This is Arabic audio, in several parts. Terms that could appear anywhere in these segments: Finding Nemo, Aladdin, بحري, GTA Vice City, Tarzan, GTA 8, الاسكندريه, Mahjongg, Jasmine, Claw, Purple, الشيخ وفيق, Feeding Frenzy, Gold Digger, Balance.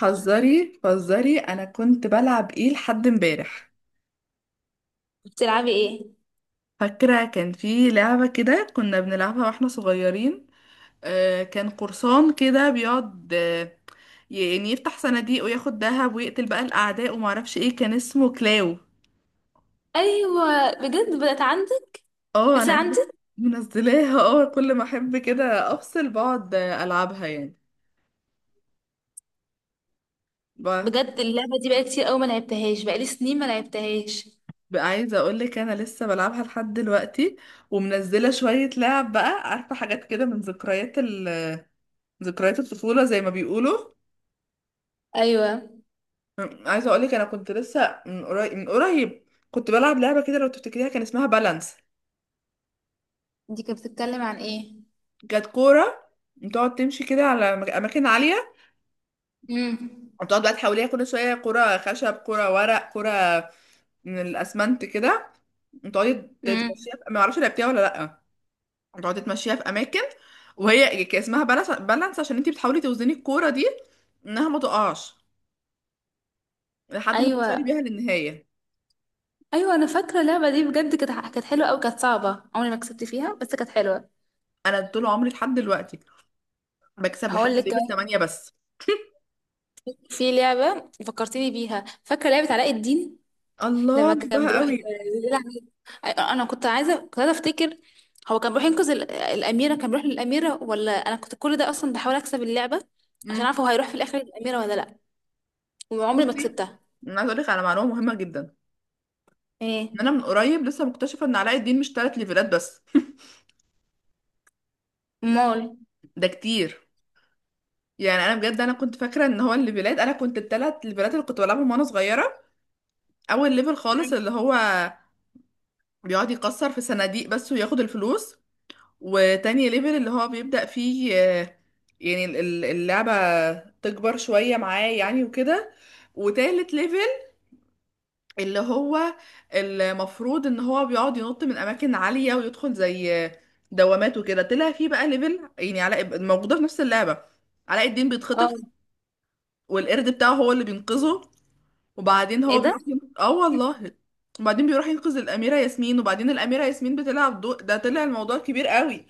حذري حذري انا كنت بلعب ايه لحد امبارح. بتلعبي ايه؟ فاكره كان في لعبه كده كنا بنلعبها واحنا صغيرين. كان قرصان كده بيقعد، يعني يفتح صناديق وياخد دهب ويقتل بقى الاعداء، وما اعرفش ايه كان اسمه، كلاو. ايوه، بجد بقت عندك؟ اه انا لسه عارفة، عندك؟ منزلاها. اه كل ما احب كده افصل بقعد العبها يعني. ب- بجد اللعبه دي بقالي كتير قوي ما لعبتهاش، بقالي سنين ما لعبتهاش. بقى عايزه اقول لك انا لسه بلعبها لحد دلوقتي، ومنزله شويه لعب بقى، عارفه حاجات كده من ذكريات، ذكريات الطفولة زي ما بيقولوا. ايوه، عايزة اقولك انا كنت لسه من قريب من قريب كنت بلعب لعبة كده، لو تفتكريها كان اسمها بالانس. دي كانت بتتكلم عن ايه؟ كانت كورة بتقعد تمشي كده على اماكن عالية، امم. وتقعد بقى تحوليها كل شوية كرة خشب، كرة ورق، كرة من الاسمنت كده، وتقعدي امم. تمشيها ما اعرفش لعبتيها ولا لا، وتقعدي تمشيها في اماكن. وهي كان اسمها بالانس، بالانس عشان انتي بتحاولي توزني الكورة دي انها ما تقعش، لحد ما توصلي ايوه، بيها للنهاية. ايوه، انا فاكره اللعبه دي، بجد كانت حلوه قوي، كانت صعبه، عمري ما كسبت فيها، بس كانت حلوه. انا طول عمري لحد دلوقتي بكسب لحد هقول لك ليفل كمان، 8 بس. في لعبه فكرتيني بيها، فاكره لعبه علاء الدين الله لما كان بحبها بيروح قوي. يلعب. أيوة، انا كنت عايزه افتكر. هو كان بيروح ينقذ الاميره، كان بيروح للاميره، ولا انا كنت كل ده اصلا بحاول اكسب اللعبه عشان امم اعرف هو هيروح في الاخر للاميره ولا لا؟ وعمري ما بصي، كسبتها. انا عايزه اقول لك على معلومه مهمه جدا، ايه؟ ان انا من قريب لسه مكتشفه ان علاء الدين مش ثلاث ليفلات بس. امال؟ ده كتير. يعني انا بجد انا كنت فاكره ان هو الليفلات، انا كنت الثلاث ليفلات اللي كنت بلعبهم وانا صغيره. اول ليفل خالص مم. اللي هو بيقعد يكسر في صناديق بس وياخد الفلوس. وتاني ليفل اللي هو بيبدأ فيه يعني اللعبه تكبر شويه معاه يعني وكده. وتالت ليفل اللي هو المفروض ان هو بيقعد ينط من اماكن عاليه ويدخل زي دوامات وكده، طلع فيه بقى ليفل يعني علاء موجوده في نفس اللعبه. علاء الدين اه. بيتخطف والقرد بتاعه هو اللي بينقذه. وبعدين ايه هو ده؟ بيروح اه والله. وبعدين بيروح ينقذ الاميره ياسمين، وبعدين الاميره ياسمين بتلعب ده طلع الموضوع كبير قوي.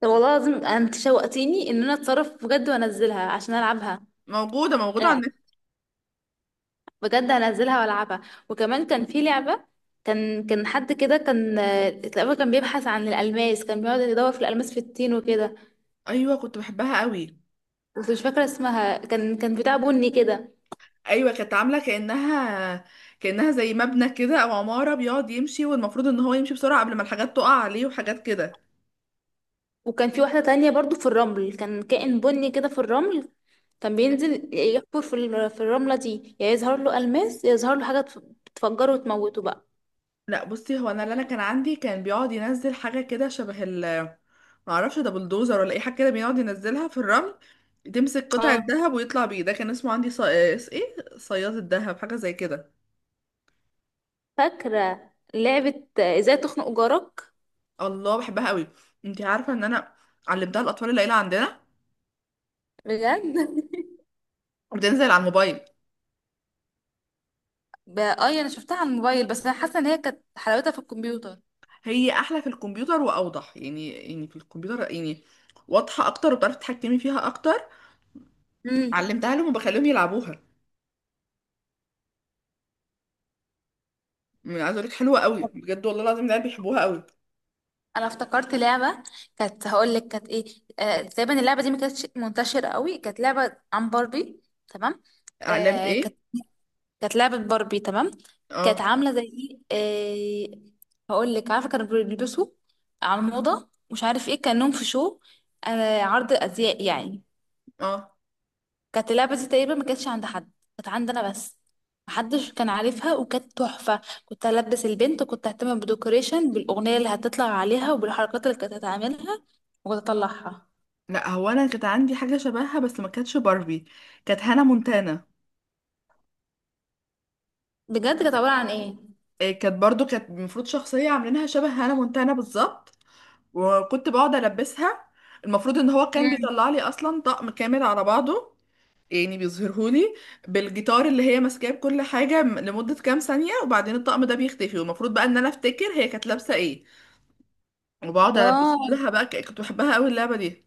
طب، والله العظيم انت شوقتيني ان انا اتصرف بجد وانزلها عشان العبها. موجوده، موجوده على انا النت. بجد هنزلها والعبها. وكمان كان في لعبه، كان حد كده، كان تقريبا كان بيبحث عن الالماس، كان بيقعد يدور في الالماس، في التين وكده. ايوه كنت بحبها قوي. بس مش فاكره اسمها، كان بتاع بني كده. ايوه كانت عامله كانها زي مبنى كده او عماره، بيقعد يمشي والمفروض ان هو يمشي بسرعه قبل ما الحاجات تقع عليه وحاجات كده. وكان في واحدة تانية برضو في الرمل، كان كائن بني كده في الرمل. كان بينزل يحفر في الرملة دي، يا يظهر له ألماس يا يظهر له حاجة تفجره وتموته بقى. لا بصي، هو انا اللي انا كان عندي كان بيقعد ينزل حاجه كده شبه ما اعرفش ده بلدوزر ولا اي حاجه كده، بيقعد ينزلها في الرمل تمسك قطعه اه. ذهب ويطلع بيه. ده كان اسمه عندي ايه، صياد الذهب حاجه زي كده. فاكرة لعبة ازاي تخنق جارك؟ الله بحبها قوي. انتي عارفه ان انا علمتها الاطفال العيله عندنا، بجد. بتنزل على الموبايل. اه، انا شفتها على الموبايل، بس انا حاسه ان هي كانت حلاوتها في الكمبيوتر. هي احلى في الكمبيوتر واوضح، يعني في الكمبيوتر يعني واضحه اكتر، وبتعرفي تتحكمي فيها اكتر. امم. علمتها لهم وبخليهم يلعبوها. يعني عايزه اقول لك حلوه قوي بجد، والله العظيم العيال بيحبوها قوي. انا افتكرت لعبه، هقول لك كانت ايه. تقريبا اللعبه دي ما كانتش منتشره قوي، كانت لعبه عن باربي. تمام. لعبه آه، كانت ايه؟ كانت لعبة باربي، تمام. كانت اه. عاملة زي ايه، هقول لك، عارفة كانوا بيلبسوا على الموضة، مش عارف ايه، كأنهم في شو، عرض أزياء يعني. اه. كانت اللعبة دي تقريبا ما كانتش عند حد، كانت عندنا بس، محدش كان عارفها، وكانت تحفة. كنت ألبس البنت، وكنت أهتم بالديكوريشن، بالأغنية اللي هتطلع عليها، وبالحركات اللي كانت هتعملها، وكنت أطلعها. لا، هو انا كانت عندي حاجه شبهها بس ما كانتش باربي، كانت هانا مونتانا. بجد كانت عبارة عن ايه؟ إيه، كانت برضو كانت المفروض شخصيه عاملينها شبه هانا مونتانا بالظبط، وكنت بقعد البسها. المفروض ان هو كان مم. بيطلع لي اصلا طقم كامل على بعضه، يعني بيظهرهولي بالجيتار اللي هي ماسكاه بكل حاجة لمدة كام ثانية، وبعدين الطقم ده بيختفي، والمفروض بقى ان انا افتكر هي كانت لابسة ايه، وبقعد البس اه. لها بقى. كنت بحبها قوي اللعبة دي،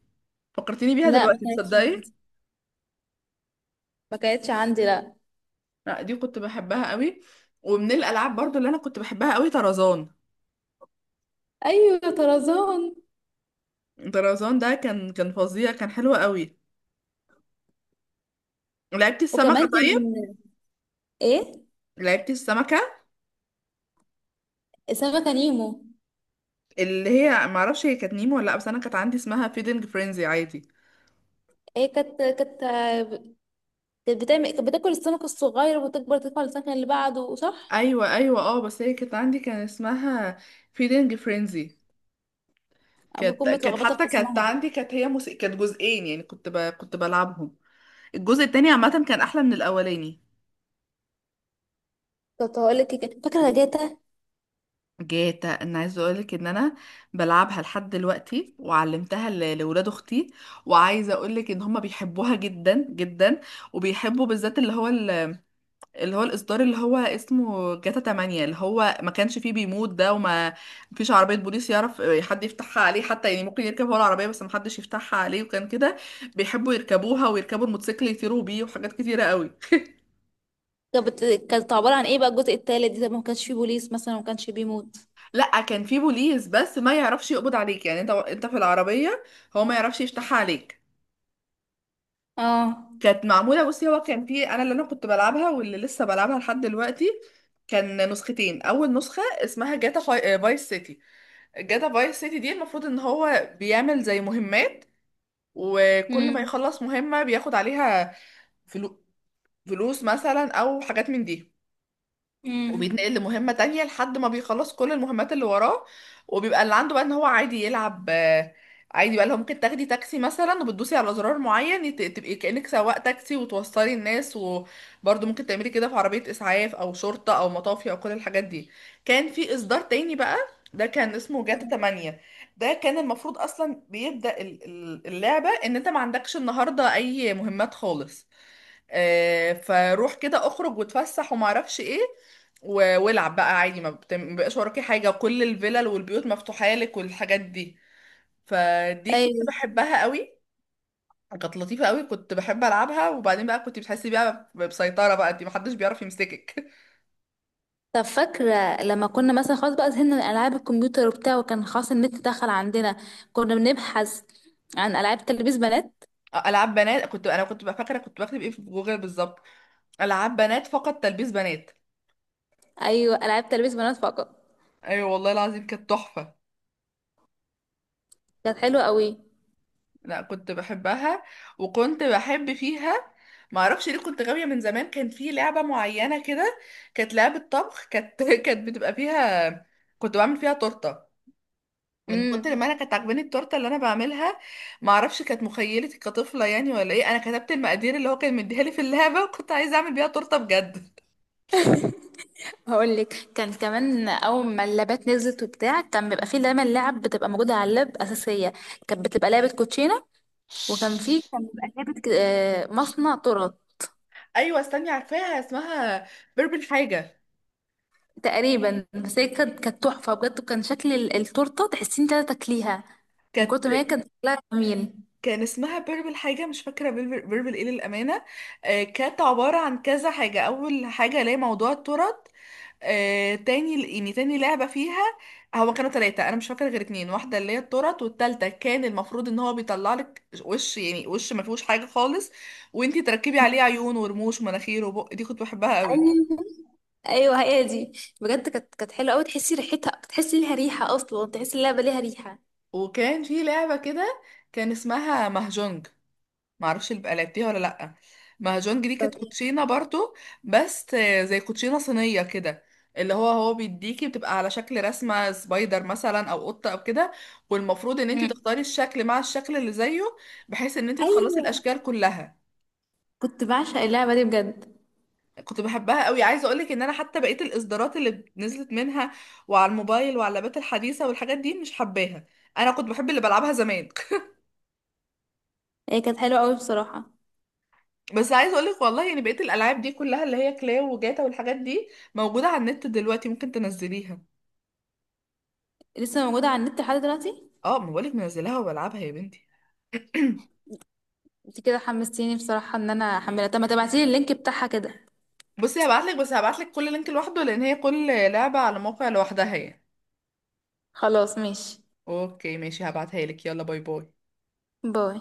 فكرتيني بيها لا، ما دلوقتي، كانتش تصدقي. عندي، ما كانتش عندي، لا. لا دي كنت بحبها قوي. ومن الالعاب برضو اللي انا كنت بحبها قوي طرزان. ايوه، طرزان. طرزان ده كان فظيع، كان حلو قوي. لعبتي وكمان السمكة؟ كان طيب، ايه. لعبتي السمكة سمكة نيمو. اللي هي معرفش هي كانت نيمو ولا لا، بس انا كانت عندي اسمها فيدنج فرينزي عادي. ايه، كانت بتاكل السمك الصغير وتكبر، تدخل السمكة اللي بعده، صح؟ ايوه، ايوه، اه، بس هي كانت عندي كان اسمها فيلينج فرينزي. أنا كانت بكون كانت متلخبطة في حتى كانت اسمها. عندي، كانت هي موسيقى، كانت جزئين يعني كنت كنت بلعبهم. الجزء التاني عامه كان احلى من الاولاني. كنت هقول لك فاكرة جاتا؟ جاتا، انا عايزه اقولك ان انا بلعبها لحد دلوقتي، وعلمتها لولاد اختي، وعايزه اقولك ان هما بيحبوها جدا جدا، وبيحبوا بالذات اللي هو، الإصدار اللي هو اسمه جاتا 8، اللي هو ما كانش فيه بيموت ده وما فيش عربية بوليس يعرف حد يفتحها عليه حتى. يعني ممكن يركب هو العربية بس ما حدش يفتحها عليه، وكان كده بيحبوا يركبوها ويركبوا الموتوسيكل يطيروا بيه وحاجات كتيرة قوي. كانت عبارة عن ايه بقى الجزء التالت ده؟ ما كانش فيه بوليس مثلا، وما كانش بيموت؟ لا كان فيه بوليس بس ما يعرفش يقبض عليك، يعني انت في العربية هو ما يعرفش يفتحها عليك. اه. كانت معمولة، بصي هو كان فيه انا اللي انا كنت بلعبها واللي لسه بلعبها لحد دلوقتي، كان نسختين. اول نسخة اسمها جاتا فايس سيتي. جاتا فايس سيتي دي المفروض ان هو بيعمل زي مهمات، وكل ما امم. يخلص مهمة بياخد عليها فلو... فلوس مثلا او حاجات من دي، امم. وبيتنقل لمهمة تانية لحد ما بيخلص كل المهمات اللي وراه. وبيبقى اللي عنده بقى ان هو عادي يلعب، عادي بقى، لو ممكن تاخدي تاكسي مثلا وبتدوسي على زرار معين تبقي كأنك سواق تاكسي وتوصلي الناس، وبرضه ممكن تعملي كده في عربية إسعاف أو شرطة أو مطافي أو كل الحاجات دي. كان في إصدار تاني بقى، ده كان اسمه جاتا 8. ده كان المفروض أصلا بيبدأ اللعبة إن أنت ما عندكش النهاردة أي مهمات خالص، فروح كده اخرج واتفسح وما اعرفش ايه، والعب بقى عادي، ما ما بقاش وراكي حاجه، وكل الفلل والبيوت مفتوحه لك والحاجات دي. فدي كنت ايوه. بحبها قوي، كانت لطيفه قوي، كنت بحب العبها. وبعدين بقى كنت بتحسي بقى بسيطره، بقى انت محدش بيعرف يمسكك. طب، فاكرة لما كنا مثلا خلاص بقى زهقنا من ألعاب الكمبيوتر وبتاع، وكان خلاص النت دخل عندنا، كنا بنبحث عن ألعاب تلبيس بنات؟ العاب بنات. كنت انا كنت بقى فاكره كنت بكتب ايه في جوجل بالظبط؟ العاب بنات فقط، تلبيس بنات. ايوه، ألعاب تلبيس بنات فقط. ايوه والله العظيم كانت تحفه. كانت حلوة قوي. لا كنت بحبها، وكنت بحب فيها معرفش ليه، كنت غاوية من زمان. كان في لعبة معينة كده، كانت لعبة طبخ، كانت كانت بتبقى فيها كنت بعمل فيها تورتة. من امم. كتر ما انا كانت عاجباني التورته اللي انا بعملها، معرفش كانت مخيلتي كطفله يعني ولا ايه، انا كتبت المقادير اللي هو كان مديها لي في اللعبه وكنت عايزه اعمل بيها تورته بجد. هقول لك، كان كمان اول ما اللابات نزلت وبتاع، كان بيبقى فيه دايما لعب بتبقى موجودة على اللاب اساسية. كانت بتبقى لعبة كوتشينة. وكان فيه، كان بيبقى لعبة مصنع تورت. ايوه استني، عارفاها اسمها بيربل حاجه. تقريبا، بس هي كانت تحفة بجد، وكان شكل التورتة تحسين انت تاكليها، من كانت كتر ما هي كانت شكلها جميل. كان اسمها بيربل حاجة، مش فاكرة بيربل، بيربل ايه للأمانة. كانت عبارة عن كذا حاجة. أول حاجة اللي هي موضوع الترط، تاني يعني تاني لعبة فيها. هو كانوا تلاتة، أنا مش فاكرة غير اتنين. واحدة اللي هي الترط، والتالتة كان المفروض إن هو بيطلع لك وش، يعني وش ما فيهوش حاجة خالص، وانتي تركبي عليه مم. عيون ورموش ومناخير وبق. دي كنت بحبها قوي. ايوه. ايوه، هي دي. بجد كانت حلوه قوي، تحسي ريحتها، تحسي ليها ريحه، اصلا تحسي اللعبه ليها ريحه. وكان في لعبة كده، كان اسمها مهجونج، معرفش اللي بقى لعبتيها ولا لأ. مهرجان دي كانت كوتشينة برضو، بس زي كوتشينة صينية كده، اللي هو بيديكي بتبقى على شكل رسمة سبايدر مثلا او قطة او كده، والمفروض ان انت مم. تختاري الشكل مع الشكل اللي زيه، بحيث ان انت تخلصي ايوه، الاشكال كلها. كنت بعشق اللعبة دي بجد. كنت بحبها قوي. عايزه اقولك ان انا حتى بقيه الاصدارات اللي نزلت منها وعلى الموبايل وعلى اللابات الحديثه والحاجات دي مش حباها، انا كنت بحب اللي بلعبها زمان. هي كانت حلوة قوي بصراحة. بس عايز اقولك والله، يعني بقية الالعاب دي كلها اللي هي كلاو وجاتا والحاجات دي موجودة على النت دلوقتي، ممكن تنزليها. لسه موجودة على النت لحد دلوقتي؟ اه ما بقولك منزلاها وبلعبها يا بنتي. انت كده حمستيني بصراحة ان انا احملها، طب ما تبعتيلي اللينك بتاعها كده. بصي هبعتلك، بس هبعتلك كل لينك لوحده، لان هي كل لعبة على موقع لوحدها يعني. خلاص، ماشي. اوكي ماشي، هبعتها لك، يلا باي باي. باي.